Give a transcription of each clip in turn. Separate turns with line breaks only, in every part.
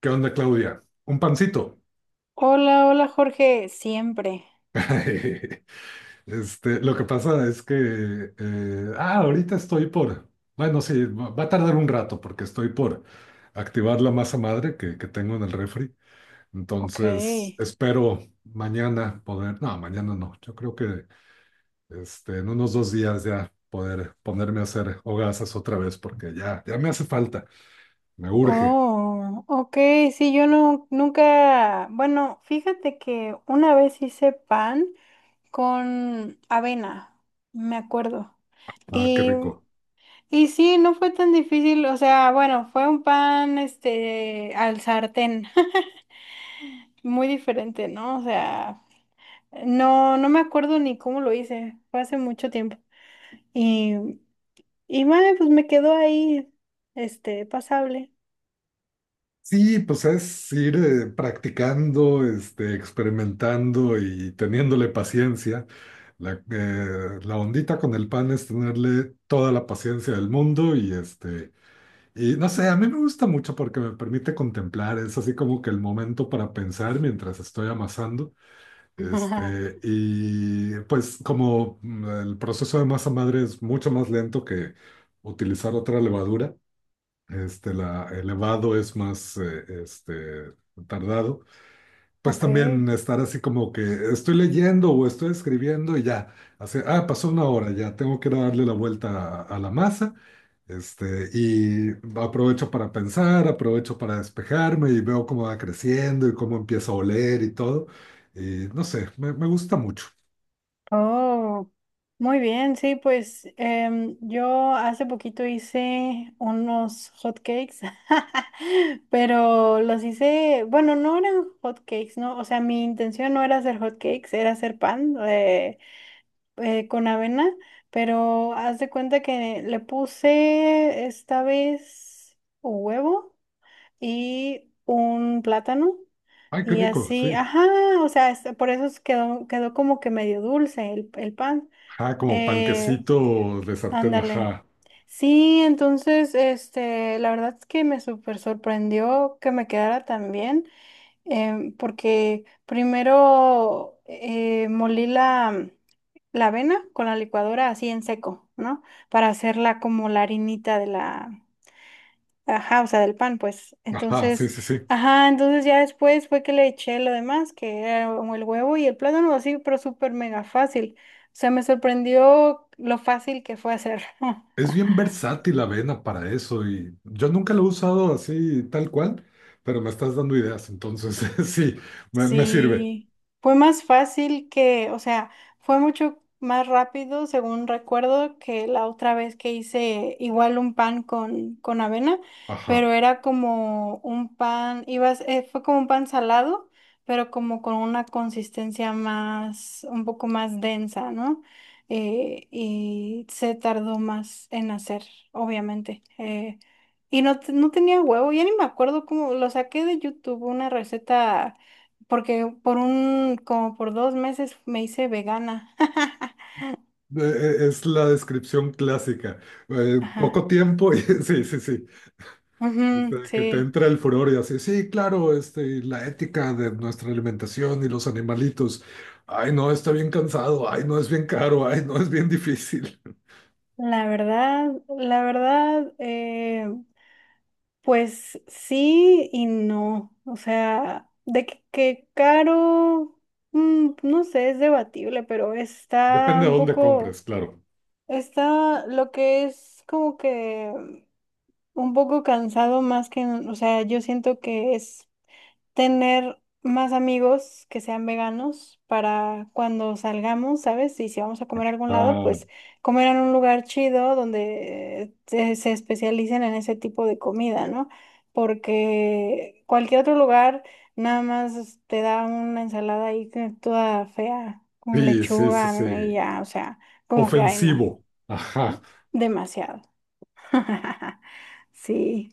¿Qué onda, Claudia? Un pancito.
Hola, hola Jorge, siempre.
Lo que pasa es que, ahorita estoy por, bueno, sí, va a tardar un rato porque estoy por activar la masa madre que tengo en el refri.
Ok.
Entonces, espero mañana poder, no, mañana no, yo creo que en unos 2 días ya poder ponerme a hacer hogazas otra vez porque ya me hace falta, me urge.
Oh, ok, sí, yo no, nunca, bueno, fíjate que una vez hice pan con avena, me acuerdo.
Ah, qué
Y,
rico.
y sí, no fue tan difícil, o sea, bueno, fue un pan, al sartén, muy diferente, ¿no? O sea, no, no me acuerdo ni cómo lo hice, fue hace mucho tiempo. Y, y bueno, pues me quedó ahí, pasable.
Sí, pues es ir practicando, experimentando y teniéndole paciencia. La ondita con el pan es tenerle toda la paciencia del mundo y no sé, a mí me gusta mucho porque me permite contemplar, es así como que el momento para pensar mientras estoy amasando, y pues como el proceso de masa madre es mucho más lento que utilizar otra levadura elevado es más, tardado. Pues
Ok.
también estar así como que estoy leyendo o estoy escribiendo y ya, hace, pasó una hora, ya tengo que ir a darle la vuelta a la masa, este, y aprovecho para pensar, aprovecho para despejarme y veo cómo va creciendo y cómo empieza a oler y todo. Y no sé, me gusta mucho.
Oh, muy bien. Sí, pues yo hace poquito hice unos hot cakes, pero los hice, bueno, no eran hot cakes, ¿no? O sea, mi intención no era hacer hot cakes, era hacer pan con avena, pero haz de cuenta que le puse esta vez huevo y un plátano.
Ay, qué
Y
rico,
así,
sí.
ajá, o sea, por eso quedó como que medio dulce el pan.
Ajá, como
Eh,
panquecito de sartén,
Ándale.
ajá.
Sí, entonces, la verdad es que me súper sorprendió que me quedara tan bien, porque primero molí la avena con la licuadora así en seco, ¿no? Para hacerla como la harinita de la, ajá, o sea, del pan, pues.
Ajá, sí,
Entonces,
sí, sí.
ajá, entonces ya después fue que le eché lo demás, que era como el huevo y el plátano, así, pero súper mega fácil. O sea, me sorprendió lo fácil que fue hacer.
Es bien versátil la avena para eso y yo nunca lo he usado así tal cual, pero me estás dando ideas, entonces sí, me sirve.
Sí, fue más fácil que, o sea, fue mucho más rápido, según recuerdo, que la otra vez que hice igual un pan con avena,
Ajá.
pero era como un pan, fue como un pan salado, pero como con una consistencia más, un poco más densa, ¿no? Y se tardó más en hacer, obviamente. Y no, no tenía huevo, ya ni me acuerdo cómo, lo saqué de YouTube, una receta porque por un, como por 2 meses me hice vegana.
Es la descripción clásica.
Ajá.
Poco tiempo y sí, sí, sí.
Ujú,
Que te
sí.
entra el furor y así, sí, claro, y la ética de nuestra alimentación y los animalitos. Ay, no, está bien cansado. Ay, no, es bien caro. Ay, no, es bien difícil.
La verdad, la verdad, pues sí y no. O sea, de que caro, no sé, es debatible, pero está
Depende de
un
dónde
poco,
compres, claro.
está lo que es como que un poco cansado más que, o sea, yo siento que es tener más amigos que sean veganos para cuando salgamos, ¿sabes? Y si vamos a comer a algún lado,
Ah,
pues comer en un lugar chido donde se especialicen en ese tipo de comida, ¿no? Porque cualquier otro lugar nada más te da una ensalada ahí toda fea, con
sí, sí, sí,
lechuga y
sí.
ya, o sea, como que, ay, no,
Ofensivo. Ajá.
demasiado.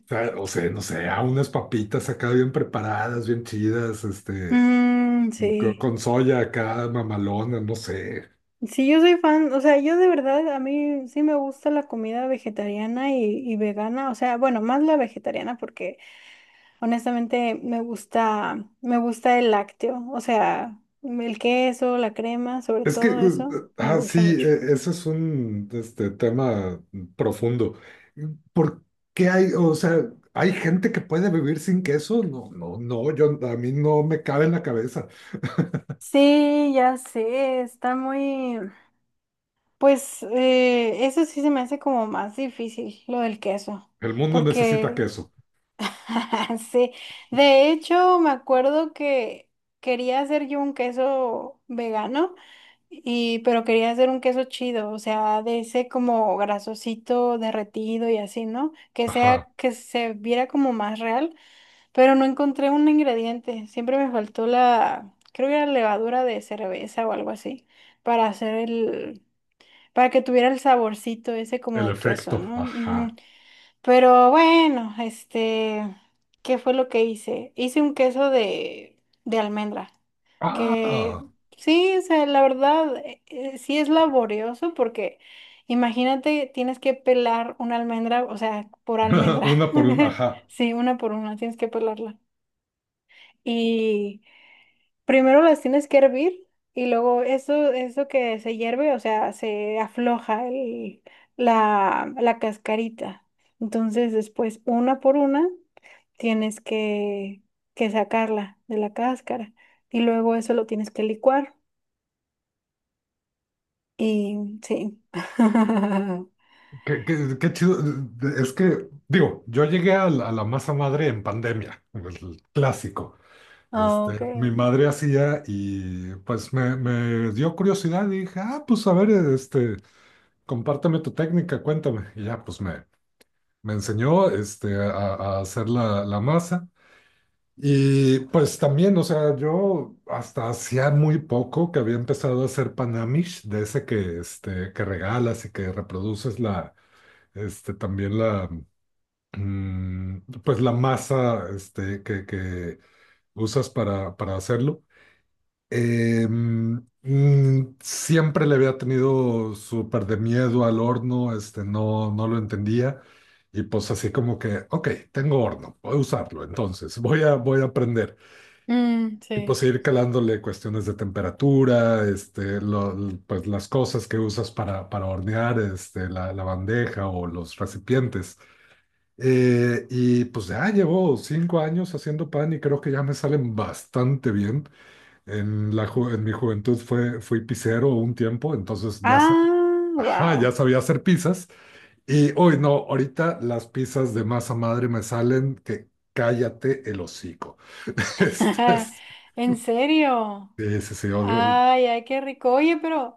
Sí.
O sea, no sé, a unas papitas acá bien preparadas, bien chidas,
Mm, sí.
con soya acá, mamalona, no sé.
Sí, yo soy fan, o sea, yo de verdad, a mí sí me gusta la comida vegetariana y vegana, o sea, bueno, más la vegetariana porque honestamente me gusta el lácteo, o sea, el queso, la crema, sobre
Es que,
todo eso, me gusta
sí,
mucho.
eso es un tema profundo. ¿Por qué hay, o sea, hay gente que puede vivir sin queso? No, a mí no me cabe en la cabeza.
Sí, ya sé, está muy, pues eso sí se me hace como más difícil, lo del queso,
El mundo necesita
porque
queso.
Sí, de hecho me acuerdo que quería hacer yo un queso vegano y pero quería hacer un queso chido, o sea, de ese como grasosito derretido y así, ¿no? Que
Ajá.
sea que se viera como más real, pero no encontré un ingrediente, siempre me faltó la creo que era levadura de cerveza o algo así para hacer el para que tuviera el saborcito ese como
El
de queso,
efecto.
¿no?
Ajá.
Ujú. Pero bueno, ¿qué fue lo que hice? Hice un queso de almendra, que
Ah.
sí, o sea, la verdad, sí es laborioso porque imagínate, tienes que pelar una almendra, o sea, por almendra,
Una por una. Ajá.
sí, una por una, tienes que pelarla. Primero las tienes que hervir y luego eso que se hierve, o sea, se afloja la cascarita. Entonces después, una por una, tienes que sacarla de la cáscara y luego eso lo tienes que licuar. Y sí.
Qué chido. Es que, digo, yo llegué a a la masa madre en pandemia, el clásico.
Ok.
Mi madre hacía y pues me dio curiosidad y dije, ah, pues a ver, compárteme tu técnica, cuéntame. Y ya, me enseñó a hacer la masa. Y pues también, o sea, yo hasta hacía muy poco que había empezado a hacer panamish, de ese que, que regalas y que reproduces la, este, también la mm, pues la masa que usas para hacerlo. Siempre le había tenido súper de miedo al horno, no lo entendía. Y pues así como que, ok, tengo horno, voy a usarlo, entonces voy a aprender.
Mm,
Y
sí.
pues ir calándole cuestiones de temperatura, pues las cosas que usas para hornear, la bandeja o los recipientes. Y pues ya llevo 5 años haciendo pan y creo que ya me salen bastante bien. En mi juventud fui pizzero un tiempo, entonces ya,
Ah,
ajá, ya
wow.
sabía hacer pizzas. Y hoy no, ahorita las pizzas de masa madre me salen que cállate el hocico. Este, sí,
¿En serio?
sí, sí,
Ay, ay, qué rico. Oye, pero...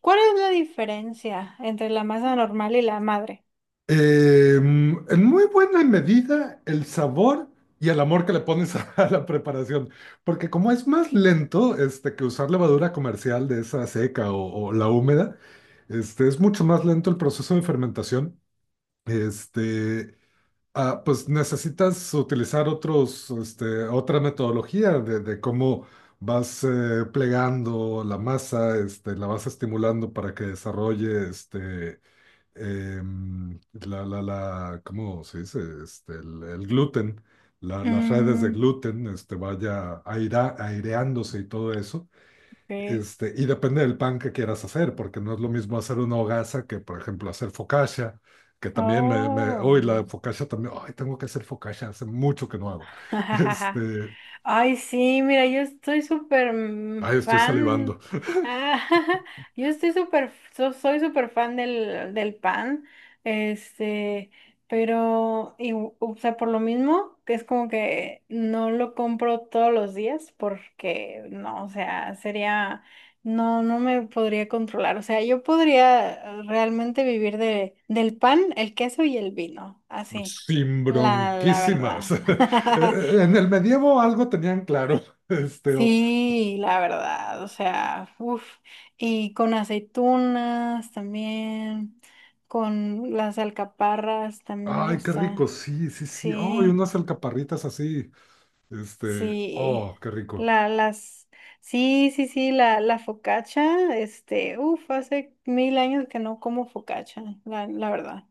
¿Cuál es la diferencia entre la masa normal y la madre?
en muy buena medida el sabor y el amor que le pones a la preparación, porque como es más lento que usar levadura comercial de esa seca o la húmeda, es mucho más lento el proceso de fermentación. Este, pues necesitas utilizar otros, otra metodología de cómo vas plegando la masa, la vas estimulando para que desarrolle ¿cómo se dice? El gluten, las redes de
Mm,
gluten, aireándose y todo eso.
ok.
Y depende del pan que quieras hacer, porque no es lo mismo hacer una hogaza que, por ejemplo, hacer focaccia, que también uy, la
Oh.
focaccia también, ay, tengo que hacer focaccia, hace mucho que no hago.
Jajaja.
Este,
Ay, sí, mira, yo estoy súper
Ay, estoy salivando.
fan. Ah, yo estoy súper, soy súper fan del pan. Este, pero, y, o sea, por lo mismo, que es como que no lo compro todos los días porque, no, o sea, sería, no, no me podría controlar. O sea, yo podría realmente vivir de, del pan, el queso y el vino, así,
Sin
la
bronquísimas.
verdad.
En el medievo algo tenían claro. Este, o,
Sí, la verdad, o sea, uff, y con aceitunas también, con las alcaparras también me
Ay, qué
gusta,
rico, sí, sí, sí. Oh, y
sí,
unas alcaparritas así.
sí,
Oh, qué rico.
la, las, sí, sí, sí, la focaccia, uff, hace mil años que no como focaccia, la verdad,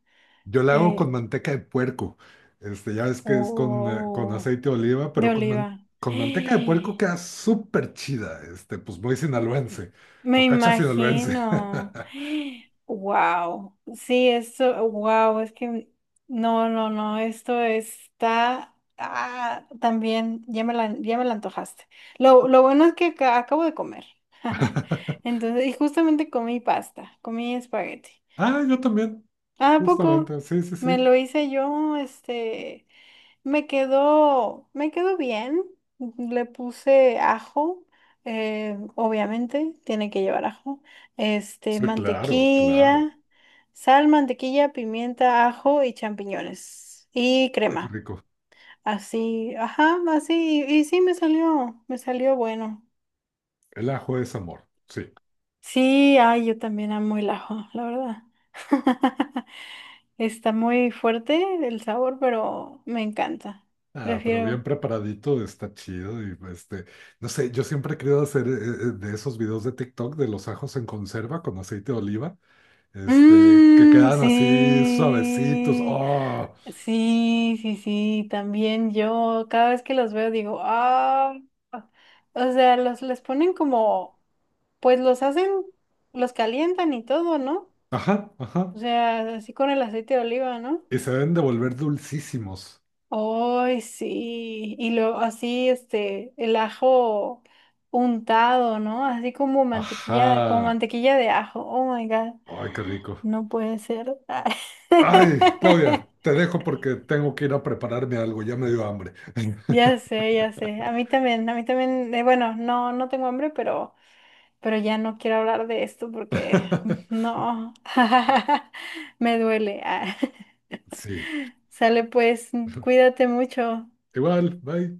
Yo la hago con
eh,
manteca de puerco. Ya ves que es con
o
aceite de oliva,
de
pero
oliva,
con manteca de puerco queda súper chida. Pues muy sinaloense.
me
Focacha sinaloense.
imagino. Wow. Sí, esto, wow, es que no, no, no, esto está ah, también, ya me la, antojaste. Lo bueno es que acabo de comer. Entonces, y justamente comí pasta, comí espagueti.
Ah, yo también,
¿A poco?
justamente. Sí, sí, sí.
Me lo hice yo. Me quedó bien. Le puse ajo, obviamente, tiene que llevar ajo.
Sí, claro, claro.
Mantequilla, sal, mantequilla, pimienta, ajo y champiñones. Y
Ay, qué
crema.
rico.
Así, ajá, así. Y sí, me salió bueno.
El ajo es amor. Sí.
Sí, ay, yo también amo el ajo, la verdad. Está muy fuerte el sabor, pero me encanta.
Ah, pero bien
Prefiero.
preparadito, está chido y no sé, yo siempre he querido hacer de esos videos de TikTok de los ajos en conserva con aceite de oliva, que
Mm,
quedan así suavecitos,
sí,
oh,
sí, sí, sí, también yo cada vez que los veo digo, ah, o sea, los les ponen como, pues los hacen, los calientan y todo, ¿no?
ajá, ajá,
O sea, así con el aceite de oliva, ¿no?
y se deben de volver dulcísimos,
Ay, sí. Y luego así, el ajo untado, ¿no? Así como
ajá,
mantequilla de ajo. Oh my God.
ay, qué rico.
No puede ser.
Ay, Claudia, te dejo porque tengo que ir a prepararme algo, ya me dio hambre.
Ya sé, ya sé. A mí también, bueno, no, no tengo hambre, pero, ya no quiero hablar de esto porque no. Me duele. Ah.
Sí,
Sale pues, cuídate mucho.
igual, bye.